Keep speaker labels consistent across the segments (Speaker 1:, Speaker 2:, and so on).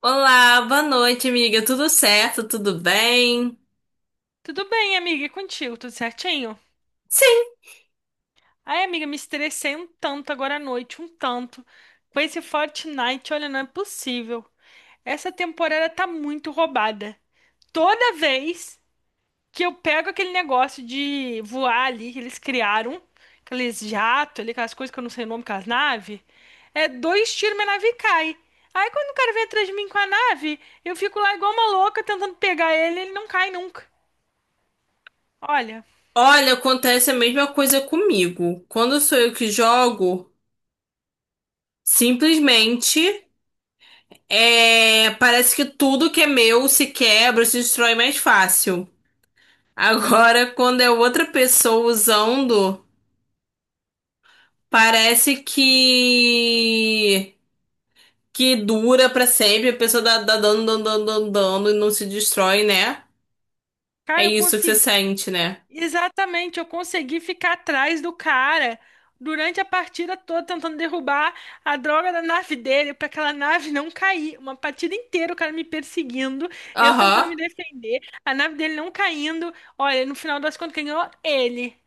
Speaker 1: Olá, boa noite, amiga. Tudo certo? Tudo bem?
Speaker 2: Tudo bem, amiga, e contigo? Tudo certinho?
Speaker 1: Sim.
Speaker 2: Ai, amiga, me estressei um tanto agora à noite, um tanto. Com esse Fortnite, olha, não é possível. Essa temporada tá muito roubada. Toda vez que eu pego aquele negócio de voar ali que eles criaram, aqueles jatos ali, aquelas coisas que eu não sei o nome, aquelas naves, é dois tiros, minha nave cai. Aí quando o cara vem atrás de mim com a nave, eu fico lá igual uma louca tentando pegar ele, ele não cai nunca. Olha,
Speaker 1: Olha, acontece a mesma coisa comigo. Quando sou eu que jogo, simplesmente parece que tudo que é meu se quebra, se destrói mais fácil. Agora, quando é outra pessoa usando, parece que dura pra sempre. A pessoa dá, dá dando, dando, dando, dando e não se destrói, né? É
Speaker 2: cara, eu
Speaker 1: isso que você
Speaker 2: consegui.
Speaker 1: sente, né?
Speaker 2: Exatamente, eu consegui ficar atrás do cara durante a partida toda tentando derrubar a droga da nave dele para aquela nave não cair. Uma partida inteira o cara me perseguindo, eu tentando
Speaker 1: Aham.
Speaker 2: me defender, a nave dele não caindo. Olha, no final das contas, quem ganhou? Ele.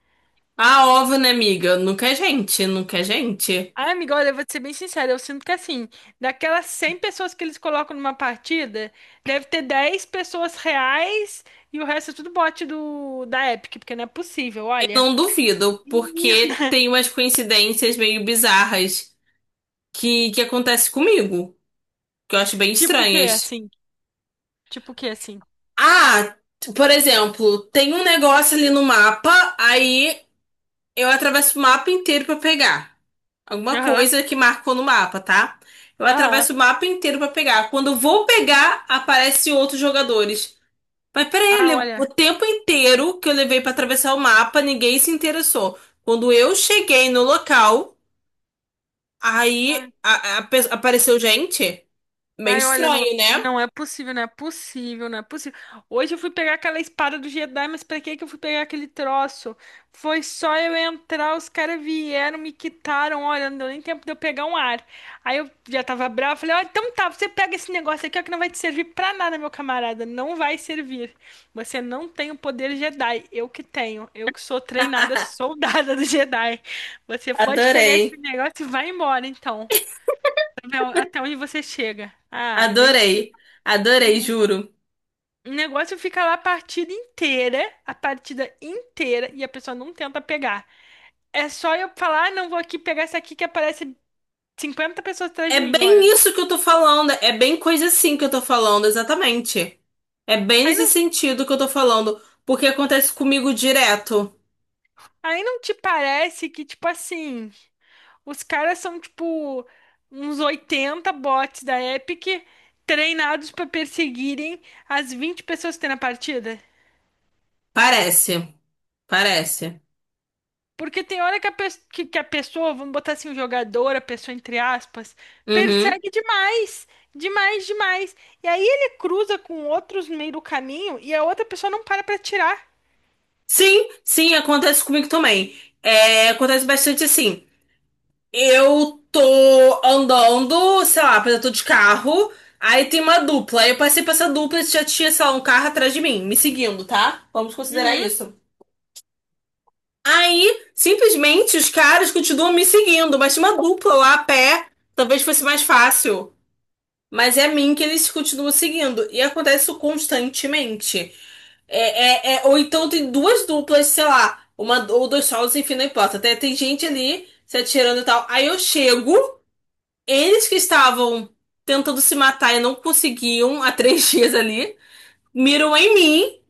Speaker 1: Ah, óbvio, né, amiga? Nunca é gente, nunca é gente.
Speaker 2: Ah, amiga, olha, eu vou te ser bem sincera, eu sinto que assim, daquelas 100 pessoas que eles colocam numa partida, deve ter 10 pessoas reais e o resto é tudo bot do da Epic, porque não é possível,
Speaker 1: Eu
Speaker 2: olha.
Speaker 1: não duvido,
Speaker 2: Menino.
Speaker 1: porque tem umas coincidências meio bizarras que acontecem comigo, que eu acho bem
Speaker 2: Tipo o quê,
Speaker 1: estranhas.
Speaker 2: assim? Tipo o quê, assim?
Speaker 1: Ah, por exemplo, tem um negócio ali no mapa, aí eu atravesso o mapa inteiro pra pegar. Alguma
Speaker 2: Aham,
Speaker 1: coisa que marcou no mapa, tá? Eu
Speaker 2: aham.
Speaker 1: atravesso o mapa inteiro pra pegar. Quando eu vou pegar, aparecem outros jogadores. Mas peraí,
Speaker 2: Ah,
Speaker 1: o
Speaker 2: olha.
Speaker 1: tempo inteiro que eu levei pra atravessar o mapa, ninguém se interessou. Quando eu cheguei no local,
Speaker 2: Ah,
Speaker 1: aí a pe- apareceu gente. Meio
Speaker 2: ai, olha, não,
Speaker 1: estranho, né?
Speaker 2: não é possível, não é possível, não é possível. Hoje eu fui pegar aquela espada do Jedi, mas pra que que eu fui pegar aquele troço? Foi só eu entrar, os caras vieram, me quitaram, olha, não deu nem tempo de eu pegar um ar. Aí eu já tava brava, falei, ó, então tá, você pega esse negócio aqui, ó, que não vai te servir pra nada, meu camarada, não vai servir. Você não tem o poder Jedi, eu que tenho, eu que sou treinada soldada do Jedi. Você pode pegar esse
Speaker 1: Adorei,
Speaker 2: negócio e vai embora, então. Não, até onde você chega. Ah, gente.
Speaker 1: adorei, adorei, juro.
Speaker 2: O negócio fica lá a partida inteira, e a pessoa não tenta pegar. É só eu falar, ah, não vou aqui pegar essa aqui que aparece 50 pessoas atrás
Speaker 1: É
Speaker 2: de mim, olha.
Speaker 1: bem isso que eu tô falando, é bem coisa assim que eu tô falando, exatamente. É bem
Speaker 2: Aí
Speaker 1: nesse
Speaker 2: não,
Speaker 1: sentido que eu tô falando, porque acontece comigo direto.
Speaker 2: aí não te parece que, tipo assim, os caras são, tipo, uns 80 bots da Epic treinados pra perseguirem as 20 pessoas que tem na partida?
Speaker 1: Parece, parece.
Speaker 2: Porque tem hora que a pessoa, vamos botar assim, o jogador, a pessoa entre aspas,
Speaker 1: Uhum.
Speaker 2: persegue demais, demais, demais. E aí ele cruza com outros no meio do caminho e a outra pessoa não para pra tirar.
Speaker 1: Sim, sim, acontece comigo também. É, acontece bastante assim. Eu tô andando, sei lá, por exemplo, eu tô de carro, aí tem uma dupla. Aí eu passei pra essa dupla e já tinha, sei lá, um carro atrás de mim, me seguindo, tá? Vamos considerar
Speaker 2: Uhum.
Speaker 1: isso. Aí, simplesmente, os caras continuam me seguindo, mas tinha uma dupla lá a pé. Talvez fosse mais fácil. Mas é a mim que eles continuam seguindo. E acontece isso constantemente. Ou então tem duas duplas, sei lá, uma ou dois solos, enfim, não importa. Tem gente ali se atirando e tal. Aí eu chego, eles que estavam tentando se matar e não conseguiam há 3 dias ali, miram em mim,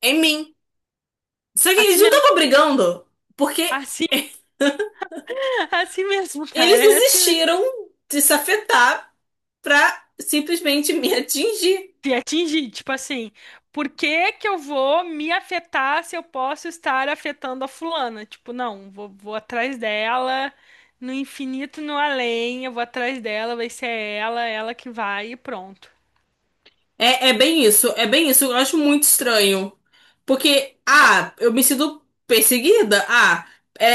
Speaker 1: em mim. Só que eles
Speaker 2: Assim
Speaker 1: não
Speaker 2: mesmo.
Speaker 1: estavam brigando, porque
Speaker 2: Assim, assim mesmo,
Speaker 1: eles
Speaker 2: cara. É assim mesmo.
Speaker 1: desistiram de se afetar pra simplesmente me atingir.
Speaker 2: Te atingir, tipo assim, por que que eu vou me afetar se eu posso estar afetando a fulana? Tipo, não, vou atrás dela, no infinito, no além, eu vou atrás dela, vai ser ela, ela que vai e pronto.
Speaker 1: É, é bem isso, é bem isso. Eu acho muito estranho. Porque, ah, eu me sinto perseguida. Ah, é,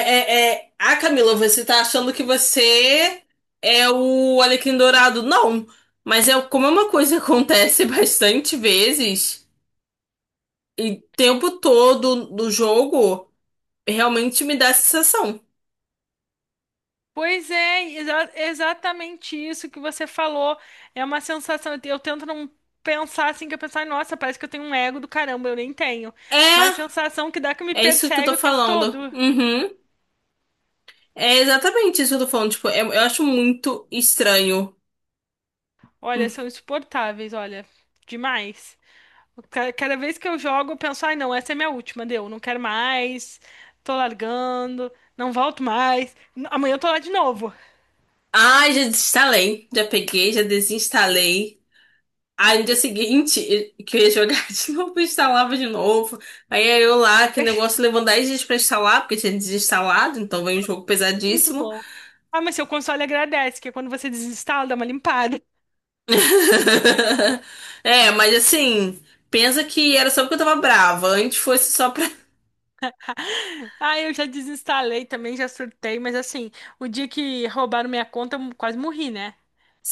Speaker 1: é, é. Ah, Camila, você tá achando que você é o Alecrim Dourado. Não, mas é como é uma coisa que acontece bastante vezes, e o tempo todo do jogo, realmente me dá essa sensação.
Speaker 2: Pois é, exatamente isso que você falou. É uma sensação, eu tento não pensar assim, que eu pensar, nossa, parece que eu tenho um ego do caramba, eu nem tenho. Mas a
Speaker 1: É,
Speaker 2: sensação que dá que me
Speaker 1: é isso que eu
Speaker 2: persegue
Speaker 1: tô
Speaker 2: o tempo
Speaker 1: falando.
Speaker 2: todo.
Speaker 1: Uhum. É exatamente isso que eu tô falando. Tipo, eu acho muito estranho.
Speaker 2: Olha, são insuportáveis, olha, demais. Cada vez que eu jogo, eu penso, ai, não, essa é minha última, deu, não quero mais, tô largando, não volto mais, amanhã eu tô lá de novo.
Speaker 1: Ai, já desinstalei. Já peguei, já desinstalei. Aí no dia seguinte, que eu ia jogar de novo, eu instalava de novo. Aí eu lá, que negócio levou 10 dias pra instalar, porque tinha desinstalado, então veio um jogo
Speaker 2: Muito
Speaker 1: pesadíssimo.
Speaker 2: bom. Ah, mas seu console agradece, que é quando você desinstala, dá uma limpada.
Speaker 1: É, mas assim, pensa que era só porque eu tava brava. Antes fosse só pra.
Speaker 2: Ah, eu já desinstalei também, já surtei, mas assim, o dia que roubaram minha conta, eu quase morri, né?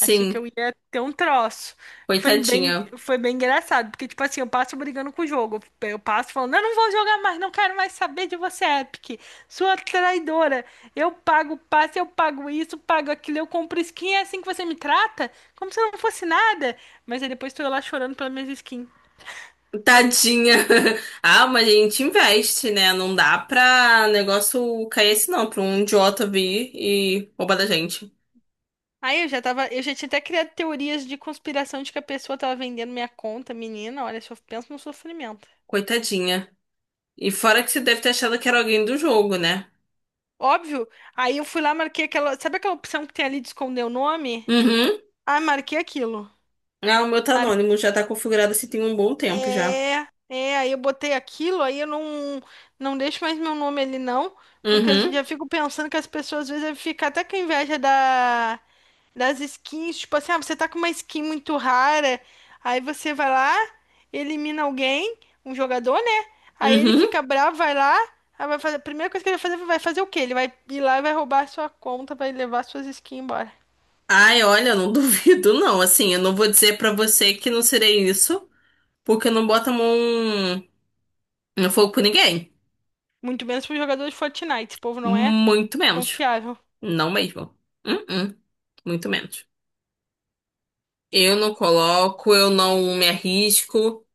Speaker 2: Achei que eu ia ter um troço. Foi bem,
Speaker 1: coitadinha.
Speaker 2: foi bem engraçado, porque, tipo assim, eu passo brigando com o jogo. Eu passo falando, eu não vou jogar mais, não quero mais saber de você, Epic. Sua traidora. Eu pago passe, eu pago isso, pago aquilo, eu compro skin, é assim que você me trata? Como se eu não fosse nada. Mas aí depois tô eu lá chorando pelas minhas skins.
Speaker 1: Tadinha. Ah, mas a gente investe, né? Não dá pra negócio cair assim, não, pra um idiota vir e roubar da gente.
Speaker 2: Aí eu já tinha até criado teorias de conspiração de que a pessoa tava vendendo minha conta, menina. Olha, só pensa no sofrimento.
Speaker 1: Coitadinha. E fora que você deve ter achado que era alguém do jogo, né?
Speaker 2: Óbvio. Aí eu fui lá, marquei aquela. Sabe aquela opção que tem ali de esconder o nome?
Speaker 1: Uhum.
Speaker 2: Ah, marquei aquilo.
Speaker 1: Ah, o meu tá anônimo, já tá configurado assim tem um bom tempo já.
Speaker 2: É, é, aí eu botei aquilo, aí eu não, não deixo mais meu nome ali não, porque eu
Speaker 1: Uhum.
Speaker 2: já fico pensando que as pessoas às vezes devem ficar até com inveja da, das skins, tipo assim, ah, você tá com uma skin muito rara, aí você vai lá, elimina alguém, um jogador, né? Aí ele
Speaker 1: Uhum.
Speaker 2: fica bravo, vai lá, aí vai fazer, a primeira coisa que ele vai fazer o quê? Ele vai ir lá e vai roubar a sua conta, vai levar suas skins embora.
Speaker 1: Ai, olha, eu não duvido, não. Assim, eu não vou dizer pra você que não serei isso, porque eu não boto a mão no fogo por ninguém.
Speaker 2: Muito menos pro jogador de Fortnite, esse povo não é
Speaker 1: Muito menos.
Speaker 2: confiável.
Speaker 1: Não mesmo. Uhum. Muito menos. Eu não coloco, eu não me arrisco,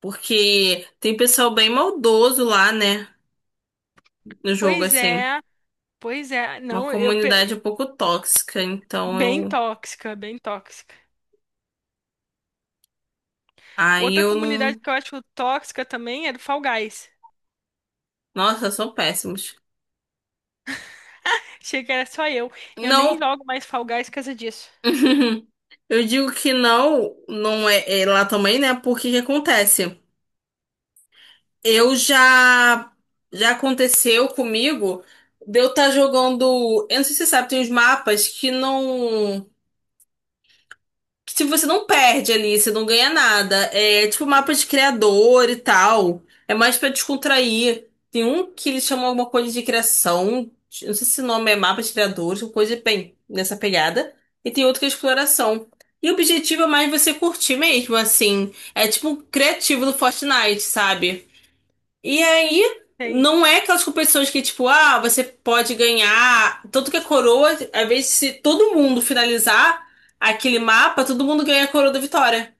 Speaker 1: porque tem pessoal bem maldoso lá, né? No jogo,
Speaker 2: Pois
Speaker 1: assim.
Speaker 2: é. Pois é,
Speaker 1: Uma
Speaker 2: não,
Speaker 1: comunidade um pouco tóxica, então
Speaker 2: bem
Speaker 1: eu.
Speaker 2: tóxica, bem tóxica.
Speaker 1: Aí
Speaker 2: Outra
Speaker 1: eu
Speaker 2: comunidade
Speaker 1: não.
Speaker 2: que eu acho tóxica também é do Fall Guys.
Speaker 1: Nossa, são péssimos.
Speaker 2: Achei que era só eu. Eu nem
Speaker 1: Não.
Speaker 2: jogo mais Fall Guys por causa disso.
Speaker 1: Eu digo que não, não é, é lá também, né? Porque que acontece? Eu já. Já aconteceu comigo de eu estar jogando. Eu não sei se você sabe, tem uns mapas que não. Que tipo, você não perde ali, você não ganha nada. É tipo mapa de criador e tal. É mais pra descontrair. Tem um que eles chamam alguma coisa de criação. Eu Não sei se o nome é mapa de criadores, alguma coisa bem nessa pegada. E tem outro que é exploração. E o objetivo é mais você curtir mesmo, assim. É tipo um criativo do Fortnite, sabe? E aí,
Speaker 2: Sei,
Speaker 1: não é aquelas competições que, tipo, ah, você pode ganhar. Tanto que a coroa, às vezes, se todo mundo finalizar aquele mapa, todo mundo ganha a coroa da vitória.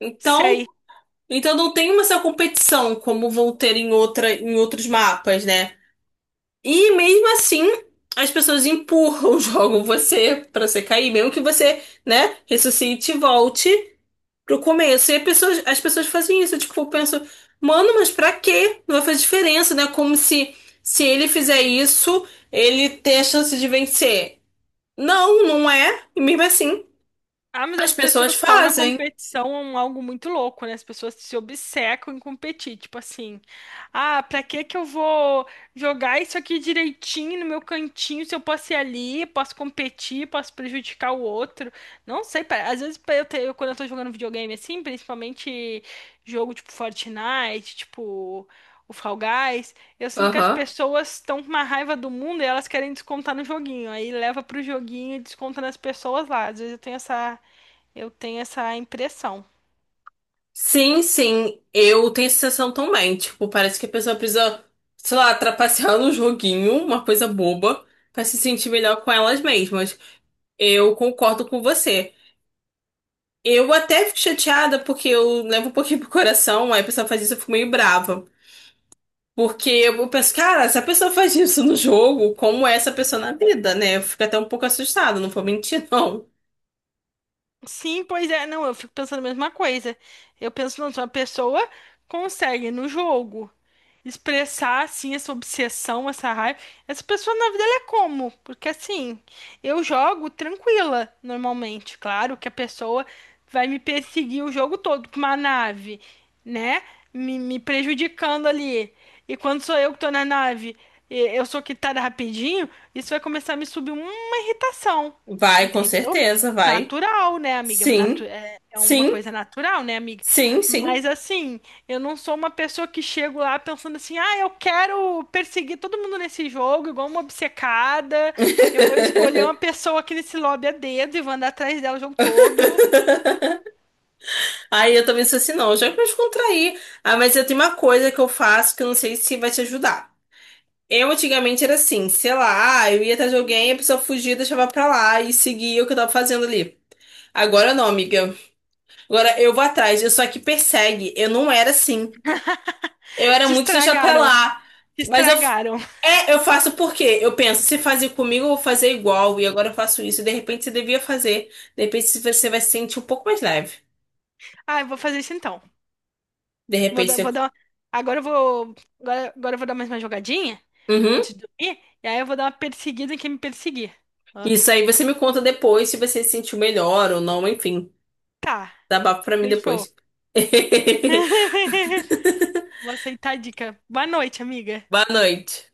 Speaker 1: Então,
Speaker 2: sei.
Speaker 1: então não tem uma essa competição como vão ter em outra, em outros mapas, né? E mesmo assim, as pessoas empurram, jogam você pra você cair, mesmo que você, né, ressuscite e volte pro começo. E as pessoas fazem isso, tipo, eu penso, mano, mas pra quê? Não vai fazer diferença, né? Como se se ele fizer isso, ele tem a chance de vencer. Não, não é. E mesmo assim,
Speaker 2: Ah, mas
Speaker 1: as
Speaker 2: as
Speaker 1: pessoas
Speaker 2: pessoas tornam a
Speaker 1: fazem.
Speaker 2: competição algo muito louco, né? As pessoas se obcecam em competir, tipo assim, ah, pra que que eu vou jogar isso aqui direitinho no meu cantinho se eu posso ir ali, posso competir, posso prejudicar o outro? Não sei, às vezes quando eu tô jogando videogame assim, principalmente jogo tipo Fortnite, tipo o Fall Guys, eu sinto que as
Speaker 1: Aham.
Speaker 2: pessoas estão com uma raiva do mundo e elas querem descontar no joguinho, aí leva pro joguinho e desconta nas pessoas lá. Às vezes eu tenho essa impressão.
Speaker 1: Sim, sim, eu tenho essa sensação também. Tipo, parece que a pessoa precisa, sei lá, trapacear no joguinho, uma coisa boba, pra se sentir melhor com elas mesmas. Eu concordo com você. Eu até fico chateada porque eu levo um pouquinho pro coração, aí a pessoa faz isso, eu fico meio brava. Porque eu penso, cara, se a pessoa faz isso no jogo, como é essa pessoa na vida, né? Eu fico até um pouco assustada, não vou mentir, não.
Speaker 2: Sim, pois é, não, eu fico pensando a mesma coisa. Eu penso, não, se uma pessoa consegue no jogo expressar assim essa obsessão, essa raiva, essa pessoa na vida ela é como? Porque assim, eu jogo tranquila normalmente, claro que a pessoa vai me perseguir o jogo todo com uma nave, né? Me prejudicando ali. E quando sou eu que tô na nave, e eu sou quitada rapidinho, isso vai começar a me subir uma irritação,
Speaker 1: Vai, com
Speaker 2: entendeu?
Speaker 1: certeza, vai.
Speaker 2: Natural, né, amiga? Natu-
Speaker 1: Sim,
Speaker 2: É é uma
Speaker 1: sim,
Speaker 2: coisa natural, né, amiga?
Speaker 1: sim, sim.
Speaker 2: Mas assim, eu não sou uma pessoa que chego lá pensando assim, ah, eu quero perseguir todo mundo nesse jogo, igual uma obcecada. Eu vou escolher uma pessoa aqui nesse lobby a dedo e vou andar atrás dela o jogo todo.
Speaker 1: Aí eu também sou assim, não, já que eu descontrair. Ah, mas eu tenho uma coisa que eu faço que eu não sei se vai te ajudar. Eu antigamente era assim, sei lá, "Ah, eu ia atrás de alguém, a pessoa fugia, deixava pra lá e seguia o que eu tava fazendo ali. Agora não, amiga. Agora eu vou atrás, eu só que persegue. Eu não era assim. Eu era
Speaker 2: Te
Speaker 1: muito de deixar pra
Speaker 2: estragaram,
Speaker 1: lá.
Speaker 2: te
Speaker 1: Mas eu.
Speaker 2: estragaram.
Speaker 1: É, eu faço por quê? Eu penso, se fazer comigo, eu vou fazer igual, e agora eu faço isso. E De repente você devia fazer. De repente você vai se sentir um pouco mais leve.
Speaker 2: Ah, eu vou fazer isso então.
Speaker 1: De
Speaker 2: Vou
Speaker 1: repente
Speaker 2: dar, vou
Speaker 1: você.
Speaker 2: dar uma. Agora eu vou. Agora eu vou dar mais uma jogadinha
Speaker 1: Uhum.
Speaker 2: antes de dormir. E aí eu vou dar uma perseguida em quem me perseguir. Ó.
Speaker 1: Isso aí você me conta depois se você se sentiu melhor ou não, enfim.
Speaker 2: Tá,
Speaker 1: Dá papo pra mim
Speaker 2: fechou.
Speaker 1: depois.
Speaker 2: Vou aceitar a dica. Boa noite, amiga.
Speaker 1: Boa noite.